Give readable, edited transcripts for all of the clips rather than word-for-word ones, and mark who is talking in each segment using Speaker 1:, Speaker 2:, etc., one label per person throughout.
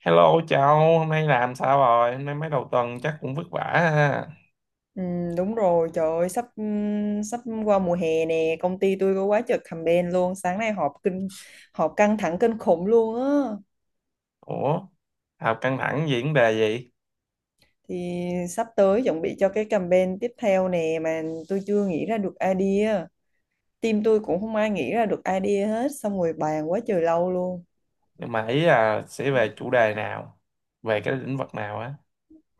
Speaker 1: Hello cháu, hôm nay làm sao rồi? Hôm nay mấy đầu tuần chắc cũng vất vả ha.
Speaker 2: Ừ, đúng rồi, trời ơi, sắp qua mùa hè nè, công ty tôi có quá trời campaign luôn, sáng nay họp căng thẳng kinh khủng luôn á.
Speaker 1: Ủa, học căng thẳng gì, vấn đề gì?
Speaker 2: Thì sắp tới chuẩn bị cho cái campaign tiếp theo nè mà tôi chưa nghĩ ra được idea. Team tôi cũng không ai nghĩ ra được idea hết, xong rồi bàn quá trời lâu luôn.
Speaker 1: Nhưng mà ý là sẽ về chủ đề nào? Về cái lĩnh vực nào á?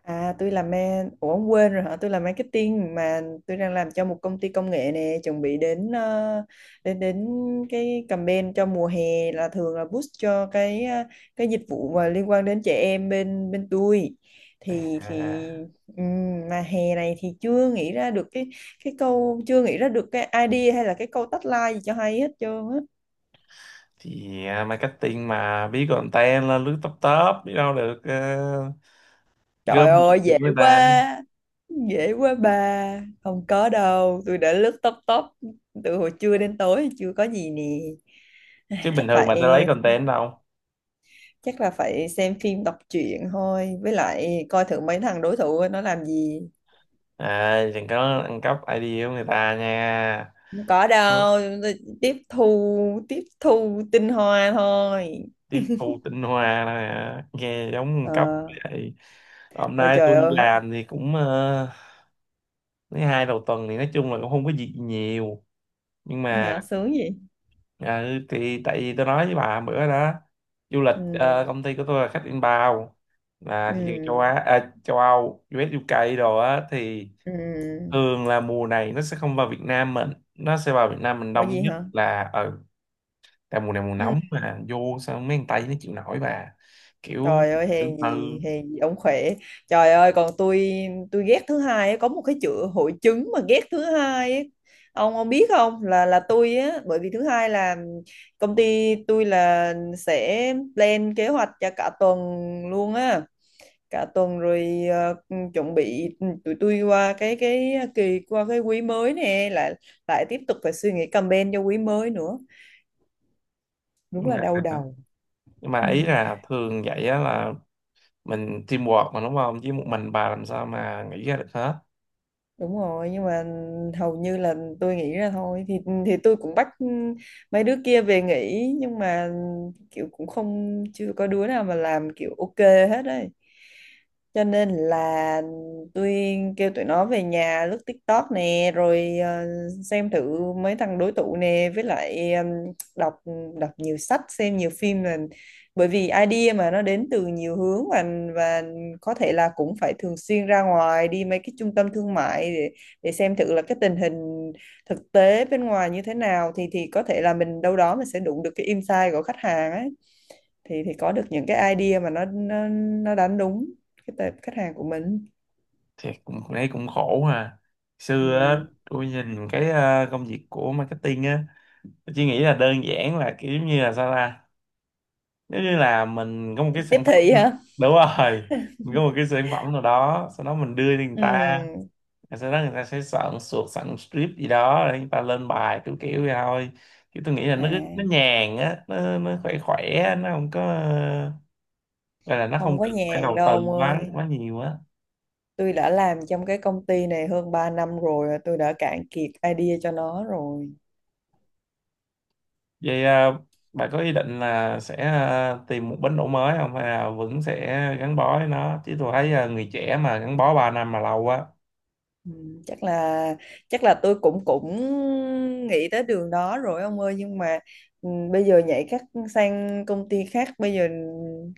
Speaker 2: À tôi làm ma Ủa ông quên rồi hả? Tôi làm marketing mà, tôi đang làm cho một công ty công nghệ nè. Chuẩn bị đến ờ, đến đến cái campaign cho mùa hè. Là thường là boost cho cái dịch vụ mà liên quan đến trẻ em bên bên tôi, thì
Speaker 1: À,
Speaker 2: mà hè này thì chưa nghĩ ra được cái câu chưa nghĩ ra được cái idea hay là cái câu tagline gì cho hay hết trơn á.
Speaker 1: marketing mà biết content là lướt top top, biết đâu được
Speaker 2: Trời
Speaker 1: gom
Speaker 2: ơi
Speaker 1: được
Speaker 2: dễ
Speaker 1: người ta.
Speaker 2: quá. Dễ quá bà. Không có đâu. Tôi đã lướt top top từ hồi trưa đến tối chưa có gì nè.
Speaker 1: Chứ
Speaker 2: Ai, chắc
Speaker 1: bình thường mà sẽ lấy
Speaker 2: phải,
Speaker 1: content đâu?
Speaker 2: chắc là phải xem phim đọc truyện thôi. Với lại coi thử mấy thằng đối thủ nó làm gì.
Speaker 1: À, đừng có ăn cắp idea của người ta nha.
Speaker 2: Không có đâu. Tôi tiếp thu, tiếp thu tinh hoa thôi.
Speaker 1: Tiếp thu tinh hoa nè, nghe giống nguồn
Speaker 2: Ờ.
Speaker 1: cấp vậy. Hôm
Speaker 2: Ôi
Speaker 1: nay
Speaker 2: trời
Speaker 1: tôi đi
Speaker 2: ơi.
Speaker 1: làm thì cũng mấy hai đầu tuần thì nói chung là cũng không có gì nhiều, nhưng
Speaker 2: Hả,
Speaker 1: mà
Speaker 2: sướng gì?
Speaker 1: ừ, thì tại vì tôi nói với bà bữa đó, du lịch
Speaker 2: Ừ.
Speaker 1: công ty của tôi là khách inbound, là
Speaker 2: Ừ.
Speaker 1: thị trường châu Á à, châu Âu, US, UK đồ á, thì
Speaker 2: Ừ.
Speaker 1: thường là mùa này nó sẽ không vào Việt Nam mình, nó sẽ vào Việt Nam mình
Speaker 2: Ủa
Speaker 1: đông
Speaker 2: gì
Speaker 1: nhất
Speaker 2: hả?
Speaker 1: là ở tại mùa này, mùa
Speaker 2: Ừ.
Speaker 1: nóng mà, vô sao mấy thằng Tây nó chịu nổi bà, kiểu
Speaker 2: Trời ơi,
Speaker 1: ừ.
Speaker 2: hèn gì ông khỏe. Trời ơi, còn tôi ghét thứ hai á, có một cái chữ hội chứng mà ghét thứ hai á. Ông biết không, là tôi á, bởi vì thứ hai là công ty tôi là sẽ plan kế hoạch cho cả tuần luôn á. Cả tuần rồi chuẩn bị, tụi tôi qua cái kỳ, qua cái quý mới nè, lại lại tiếp tục phải suy nghĩ campaign cho quý mới nữa. Đúng
Speaker 1: nhưng
Speaker 2: là
Speaker 1: mà
Speaker 2: đau đầu.
Speaker 1: nhưng mà
Speaker 2: Ừ,
Speaker 1: ý là thường vậy á, là mình teamwork mà đúng không, chứ một mình bà làm sao mà nghĩ ra được hết.
Speaker 2: đúng rồi, nhưng mà hầu như là tôi nghĩ ra thôi, thì tôi cũng bắt mấy đứa kia về nghỉ, nhưng mà kiểu cũng không, chưa có đứa nào mà làm kiểu ok hết đấy, cho nên là tôi kêu tụi nó về nhà lướt TikTok nè, rồi xem thử mấy thằng đối tụ nè, với lại đọc đọc nhiều sách, xem nhiều phim, là bởi vì idea mà nó đến từ nhiều hướng, và có thể là cũng phải thường xuyên ra ngoài đi mấy cái trung tâm thương mại để xem thử là cái tình hình thực tế bên ngoài như thế nào, thì có thể là mình đâu đó mình sẽ đụng được cái insight của khách hàng ấy, thì có được những cái idea mà nó đánh đúng cái tệp khách hàng của mình.
Speaker 1: Thì cũng thấy cũng khổ ha.
Speaker 2: Ừ.
Speaker 1: Xưa á tôi nhìn cái công việc của marketing á, tôi chỉ nghĩ là đơn giản là kiểu như là, sao ta, nếu như là mình có một cái
Speaker 2: Tiếp
Speaker 1: sản phẩm.
Speaker 2: thị hả?
Speaker 1: Đúng rồi, mình có một cái sản phẩm nào đó, sau đó mình đưa cho người
Speaker 2: Ừ.
Speaker 1: ta. Rồi sau đó người ta sẽ soạn suột, soạn script gì đó rồi người ta lên bài kiểu kiểu vậy thôi. Chứ tôi nghĩ là
Speaker 2: À,
Speaker 1: nó nhàn á, nó khỏe khỏe á, nó không có, gọi là nó không
Speaker 2: không có
Speaker 1: cần phải
Speaker 2: nhàn
Speaker 1: đầu tư
Speaker 2: đâu ông
Speaker 1: quá
Speaker 2: ơi,
Speaker 1: quá nhiều á.
Speaker 2: tôi đã làm trong cái công ty này hơn 3 năm rồi, tôi đã cạn kiệt idea cho nó rồi.
Speaker 1: Vậy à, bà có ý định là sẽ à, tìm một bến đỗ mới không, hay là vẫn sẽ gắn bó với nó? Chứ tôi thấy à, người trẻ mà gắn bó 3 năm mà lâu quá
Speaker 2: Ừ, chắc là chắc là tôi cũng cũng nghĩ tới đường đó rồi ông ơi, nhưng mà ừ, bây giờ nhảy các sang công ty khác bây giờ,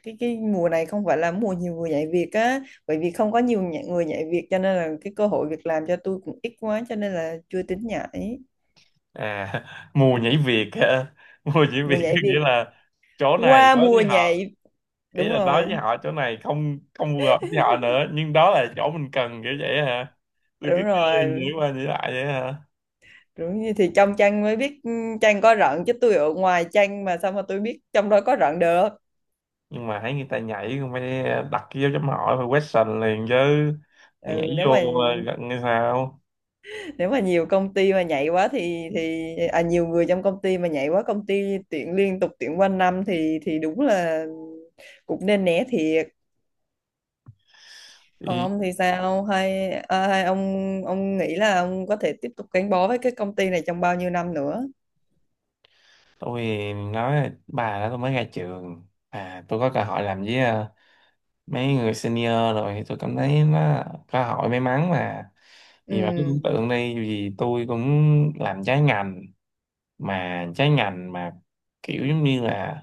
Speaker 2: cái mùa này không phải là mùa nhiều người nhảy việc á, bởi vì không có người nhảy việc, cho nên là cái cơ hội việc làm cho tôi cũng ít quá, cho nên là chưa tính nhảy.
Speaker 1: à. Mùa nhảy việc á. Mùa nhảy
Speaker 2: Mùa
Speaker 1: việc
Speaker 2: nhảy
Speaker 1: có nghĩa
Speaker 2: việc.
Speaker 1: là chỗ này
Speaker 2: Qua
Speaker 1: đối
Speaker 2: mùa
Speaker 1: với họ,
Speaker 2: nhảy.
Speaker 1: ý
Speaker 2: Đúng
Speaker 1: là nói
Speaker 2: rồi.
Speaker 1: với họ chỗ này không không phù hợp với họ nữa, nhưng đó là chỗ mình cần, kiểu vậy hả? tôi
Speaker 2: Đúng
Speaker 1: cứ cứ
Speaker 2: rồi.
Speaker 1: nghĩ qua nghĩ lại vậy hả.
Speaker 2: Đúng. Như thì trong chăn mới biết, ừ, chăn có rận, chứ tôi ở ngoài chăn mà sao mà tôi biết trong đó có rận được.
Speaker 1: Nhưng mà thấy người ta nhảy, không phải đặt cái dấu chấm hỏi, phải question liền chứ. Mày nhảy
Speaker 2: Ừ, nếu
Speaker 1: vô
Speaker 2: mà
Speaker 1: gần như sao.
Speaker 2: nếu mà nhiều công ty mà nhảy quá thì à, nhiều người trong công ty mà nhảy quá, công ty tuyển liên tục tuyển quanh năm, thì đúng là cũng nên né thiệt. Còn
Speaker 1: Thì
Speaker 2: ông thì sao, hay, à, hay ông nghĩ là ông có thể tiếp tục gắn bó với cái công ty này trong bao nhiêu năm nữa?
Speaker 1: tôi nói là, bà đó tôi mới ra trường à, tôi có cơ hội làm với mấy người senior, rồi thì tôi cảm thấy nó cơ hội may mắn mà. Vì bà cứ tưởng
Speaker 2: Ừ.
Speaker 1: tượng đi, dù tôi cũng làm trái ngành, mà trái ngành mà kiểu giống như là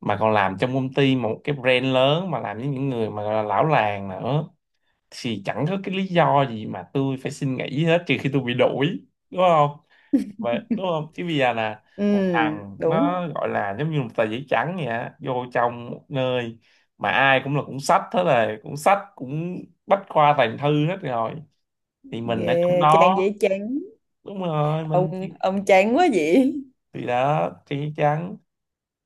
Speaker 1: mà còn làm trong công ty một cái brand lớn, mà làm với những người mà gọi là lão làng nữa, thì chẳng có cái lý do gì mà tôi phải xin nghỉ hết, trừ khi tôi bị đuổi, đúng không? Vậy đúng không, chứ bây giờ là
Speaker 2: Ừ.
Speaker 1: một thằng
Speaker 2: Đúng.
Speaker 1: nó gọi là giống như một tờ giấy trắng vậy á, vô trong một nơi mà ai cũng là cũng sách hết rồi, cũng sách cũng bách khoa toàn thư hết rồi, thì mình ở trong
Speaker 2: Yeah, chán,
Speaker 1: đó.
Speaker 2: dễ chán.
Speaker 1: Đúng rồi, mình
Speaker 2: Ông chán quá vậy?
Speaker 1: thì đó thì trắng.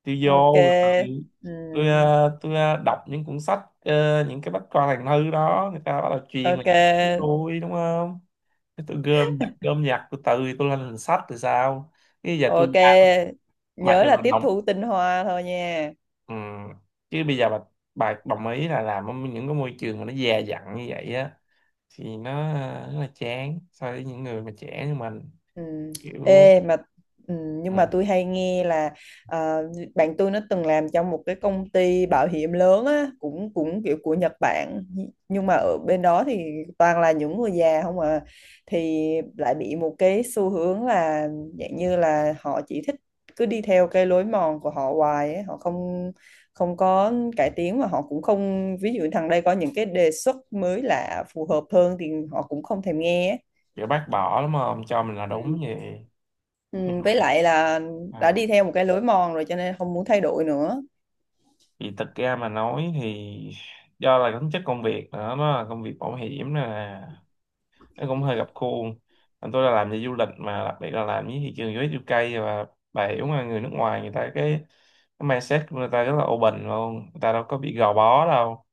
Speaker 1: Tôi vô
Speaker 2: Ok.
Speaker 1: rồi,
Speaker 2: Ừ.
Speaker 1: tôi tôi đọc những cuốn sách những cái bách khoa toàn thư đó người ta bắt đầu truyền lại
Speaker 2: Ok.
Speaker 1: với tôi đúng không. Thế tôi gom nhặt từ từ tôi lên thành sách thì sao, cái giờ tôi
Speaker 2: Ok,
Speaker 1: bà. Mà
Speaker 2: nhớ
Speaker 1: giờ
Speaker 2: là
Speaker 1: mà
Speaker 2: tiếp
Speaker 1: đồng,
Speaker 2: thu tinh hoa thôi nha.
Speaker 1: ừ. Chứ bây giờ bà đồng ý là làm ở những cái môi trường mà nó già dặn như vậy á, thì nó rất là chán so với những người mà trẻ như mình,
Speaker 2: Ừ.
Speaker 1: kiểu
Speaker 2: Ê mà ừ, nhưng mà
Speaker 1: ừ.
Speaker 2: tôi hay nghe là ờ, bạn tôi nó từng làm trong một cái công ty bảo hiểm lớn á, cũng cũng kiểu của Nhật Bản, nhưng mà ở bên đó thì toàn là những người già không à, thì lại bị một cái xu hướng là dạng như là họ chỉ thích cứ đi theo cái lối mòn của họ hoài ấy. Họ không không có cải tiến, mà họ cũng không, ví dụ thằng đây có những cái đề xuất mới lạ phù hợp hơn thì họ cũng không thèm nghe
Speaker 1: Kiểu bác bỏ lắm, không cho mình là đúng
Speaker 2: ấy.
Speaker 1: vậy.
Speaker 2: Ừ,
Speaker 1: Nhưng mà
Speaker 2: với lại là đã
Speaker 1: à,
Speaker 2: đi theo một cái lối mòn rồi cho nên không muốn thay đổi nữa.
Speaker 1: thì thật ra mà nói thì do là tính chất công việc nữa, nó là công việc bảo hiểm nên là nó cũng hơi gặp khuôn. Còn tôi là làm về du lịch, mà đặc biệt là làm với thị trường US, UK, và bà hiểu mà, người nước ngoài, người ta cái mindset của người ta rất là open luôn, người ta đâu có bị gò bó đâu.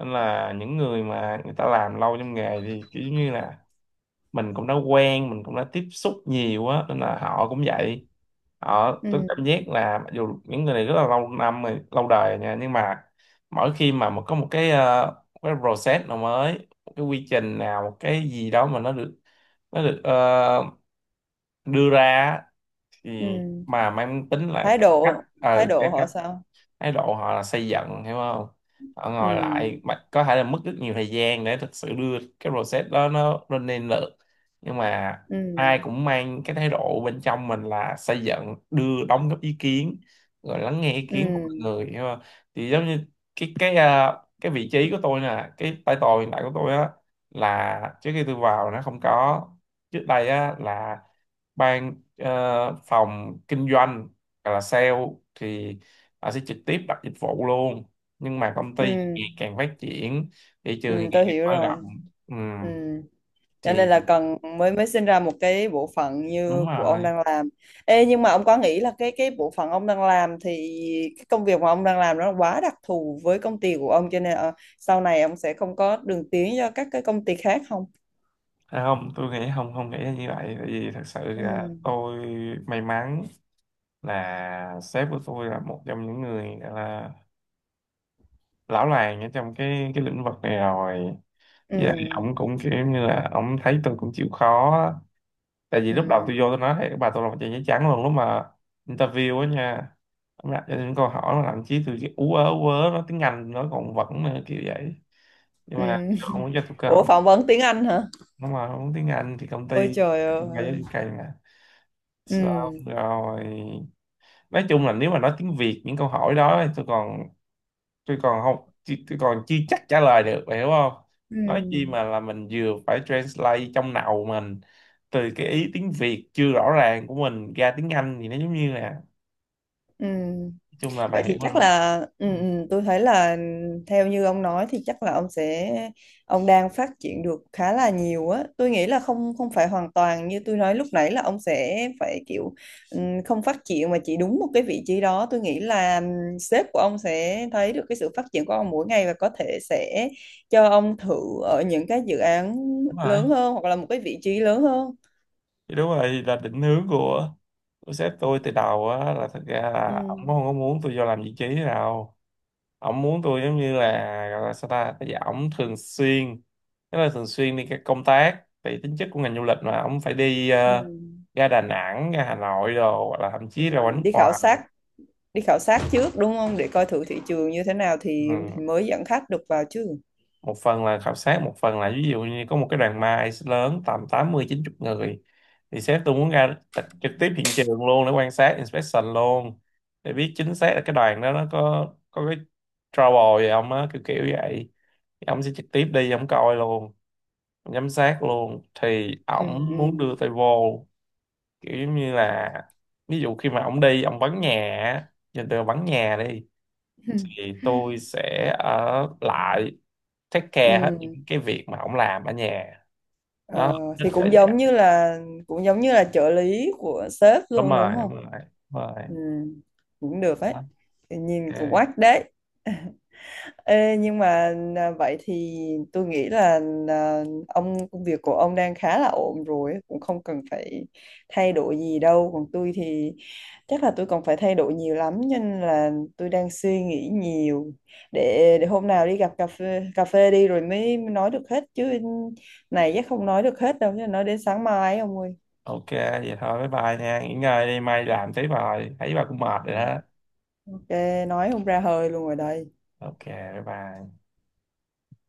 Speaker 1: Nên là những người mà người ta làm lâu trong nghề thì kiểu như là mình cũng đã quen, mình cũng đã tiếp xúc nhiều á, nên là họ cũng vậy. Họ, tôi
Speaker 2: Ừ.
Speaker 1: cảm giác là mặc dù những người này rất là lâu năm rồi, lâu đời nha, nhưng mà mỗi khi mà một có một cái một cái process nào mới, một cái quy trình nào, một cái gì đó mà nó được, nó được đưa ra á, thì
Speaker 2: Ừ.
Speaker 1: mà mang tính là
Speaker 2: thái
Speaker 1: cải cách
Speaker 2: độ thái độ
Speaker 1: cái
Speaker 2: họ sao?
Speaker 1: thái độ họ là xây dựng, hiểu không? Họ
Speaker 2: Ừ.
Speaker 1: ngồi lại mà có thể là mất rất nhiều thời gian để thực sự đưa cái process đó nó lên lên được, nhưng mà
Speaker 2: Ừ.
Speaker 1: ai cũng mang cái thái độ bên trong mình là xây dựng, đưa đóng góp ý kiến rồi lắng nghe ý kiến của mọi
Speaker 2: Ừ.
Speaker 1: người, hiểu không? Thì giống như cái cái vị trí của tôi nè, cái title hiện tại của tôi á, là trước khi tôi vào nó không có. Trước đây á là ban phòng kinh doanh hoặc là sale thì họ sẽ trực tiếp đặt dịch vụ luôn. Nhưng mà công ty
Speaker 2: Ừ.
Speaker 1: ngày càng phát triển, thị
Speaker 2: Ừ,
Speaker 1: trường thì ngày
Speaker 2: tôi
Speaker 1: càng
Speaker 2: hiểu
Speaker 1: mở
Speaker 2: rồi.
Speaker 1: rộng, ừ,
Speaker 2: Ừ. Cho nên là
Speaker 1: thì
Speaker 2: cần, mới mới sinh ra một cái bộ phận
Speaker 1: đúng
Speaker 2: như của ông
Speaker 1: rồi.
Speaker 2: đang làm. Ê, nhưng mà ông có nghĩ là cái bộ phận ông đang làm thì cái công việc mà ông đang làm nó quá đặc thù với công ty của ông, cho nên sau này ông sẽ không có đường tiến cho các cái công ty khác không?
Speaker 1: À, không tôi nghĩ không, không nghĩ là như vậy. Tại vì thật sự
Speaker 2: Ừ.
Speaker 1: là tôi may mắn là sếp của tôi là một trong những người gọi là lão làng ở trong cái lĩnh vực này rồi.
Speaker 2: Ừ.
Speaker 1: Dạ, ổng cũng kiểu như là ổng thấy tôi cũng chịu khó. Tại vì
Speaker 2: Ừ.
Speaker 1: lúc đầu
Speaker 2: Ừ.
Speaker 1: tôi vô tôi nói, hey, các bà, tôi là một trang giấy trắng luôn lúc mà interview á nha. Nó đặt cho những câu hỏi mà thậm chí tôi kiểu ú ớ ú ớ, nói tiếng Anh nó còn vẫn nữa, kiểu vậy. Nhưng
Speaker 2: Ừ.
Speaker 1: mà không muốn cho tôi cơ
Speaker 2: Ủa
Speaker 1: hội,
Speaker 2: phỏng vấn tiếng Anh hả?
Speaker 1: nó mà không muốn tiếng Anh thì công
Speaker 2: Ôi
Speaker 1: ty
Speaker 2: trời
Speaker 1: ba giáo
Speaker 2: ơi.
Speaker 1: dục cây mà. Xong
Speaker 2: Ừ.
Speaker 1: rồi nói chung là nếu mà nói tiếng Việt những câu hỏi đó thì tôi còn, tôi còn không tôi còn chưa chắc trả lời được, bà hiểu không.
Speaker 2: Ừ.
Speaker 1: Nói chi mà là mình vừa phải translate trong đầu mình từ cái ý tiếng Việt chưa rõ ràng của mình ra tiếng Anh thì nó giống như là,
Speaker 2: Ừ.
Speaker 1: chung là bà
Speaker 2: Vậy
Speaker 1: hiểu
Speaker 2: thì chắc
Speaker 1: rồi.
Speaker 2: là ừ,
Speaker 1: Ừ,
Speaker 2: ừ, tôi thấy là theo như ông nói thì chắc là ông sẽ, ông đang phát triển được khá là nhiều á. Tôi nghĩ là không không phải hoàn toàn như tôi nói lúc nãy là ông sẽ phải kiểu ừ, không phát triển mà chỉ đúng một cái vị trí đó. Tôi nghĩ là ừ, sếp của ông sẽ thấy được cái sự phát triển của ông mỗi ngày và có thể sẽ cho ông thử ở những cái dự án
Speaker 1: đúng rồi,
Speaker 2: lớn hơn hoặc là một cái vị trí lớn hơn.
Speaker 1: thì đúng rồi, thì là định hướng của sếp tôi từ đầu á, là thật ra
Speaker 2: Ừ.
Speaker 1: là ổng không có muốn tôi vô làm vị trí nào. Ổng muốn tôi giống như là, gọi là sao ta, bây giờ ổng thường xuyên, tức là thường xuyên đi các công tác, tại tính chất của ngành du lịch mà ổng phải đi
Speaker 2: Ừ.
Speaker 1: ra Đà Nẵng, ra Hà Nội đồ, hoặc là thậm
Speaker 2: Ừ.
Speaker 1: chí ra ngoài nước
Speaker 2: Đi khảo
Speaker 1: ngoài.
Speaker 2: sát, đi khảo sát trước đúng không? Để coi thử thị trường như thế nào thì
Speaker 1: Ừ.
Speaker 2: mới dẫn khách được vào chứ.
Speaker 1: Một phần là khảo sát, một phần là ví dụ như có một cái đoàn mai lớn tầm tám mươi chín, 90 người, thì sếp tôi muốn ra trực tiếp hiện trường luôn để quan sát inspection luôn, để biết chính xác là cái đoàn đó nó có cái trouble gì không á, kiểu kiểu vậy. Thì ông sẽ trực tiếp đi ông coi luôn, ông giám sát luôn, thì
Speaker 2: Ừ.
Speaker 1: ổng
Speaker 2: Ừ.
Speaker 1: muốn đưa tay vô, kiểu giống như là ví dụ khi mà ổng đi, ổng vắng nhà á, nhìn từ vắng nhà đi, thì tôi sẽ ở lại take care hết
Speaker 2: Ừ.
Speaker 1: những cái việc mà ổng làm ở nhà.
Speaker 2: Ờ,
Speaker 1: Đó thích
Speaker 2: thì
Speaker 1: là
Speaker 2: cũng
Speaker 1: vậy.
Speaker 2: giống như là, cũng giống như là trợ lý của sếp
Speaker 1: Đúng
Speaker 2: luôn đúng
Speaker 1: rồi,
Speaker 2: không?
Speaker 1: đúng rồi, đúng rồi.
Speaker 2: Ừ, cũng được ấy.
Speaker 1: Đó.
Speaker 2: Thì nhìn cũng
Speaker 1: Ok.
Speaker 2: quát đấy. Ê, nhưng mà à, vậy thì tôi nghĩ là à, ông, công việc của ông đang khá là ổn rồi, cũng không cần phải thay đổi gì đâu. Còn tôi thì chắc là tôi còn phải thay đổi nhiều lắm, cho nên là tôi đang suy nghĩ nhiều. Để hôm nào đi gặp cà phê đi rồi mới nói được hết chứ, này chắc không nói được hết đâu, chứ nói đến sáng mai ấy ông ơi.
Speaker 1: Ok vậy thôi, bye bye nha, nghỉ ngơi đi mai làm tiếp, rồi thấy bà cũng mệt rồi
Speaker 2: Ờ,
Speaker 1: đó.
Speaker 2: ok, nói không ra hơi luôn rồi đây.
Speaker 1: Ok bye bye.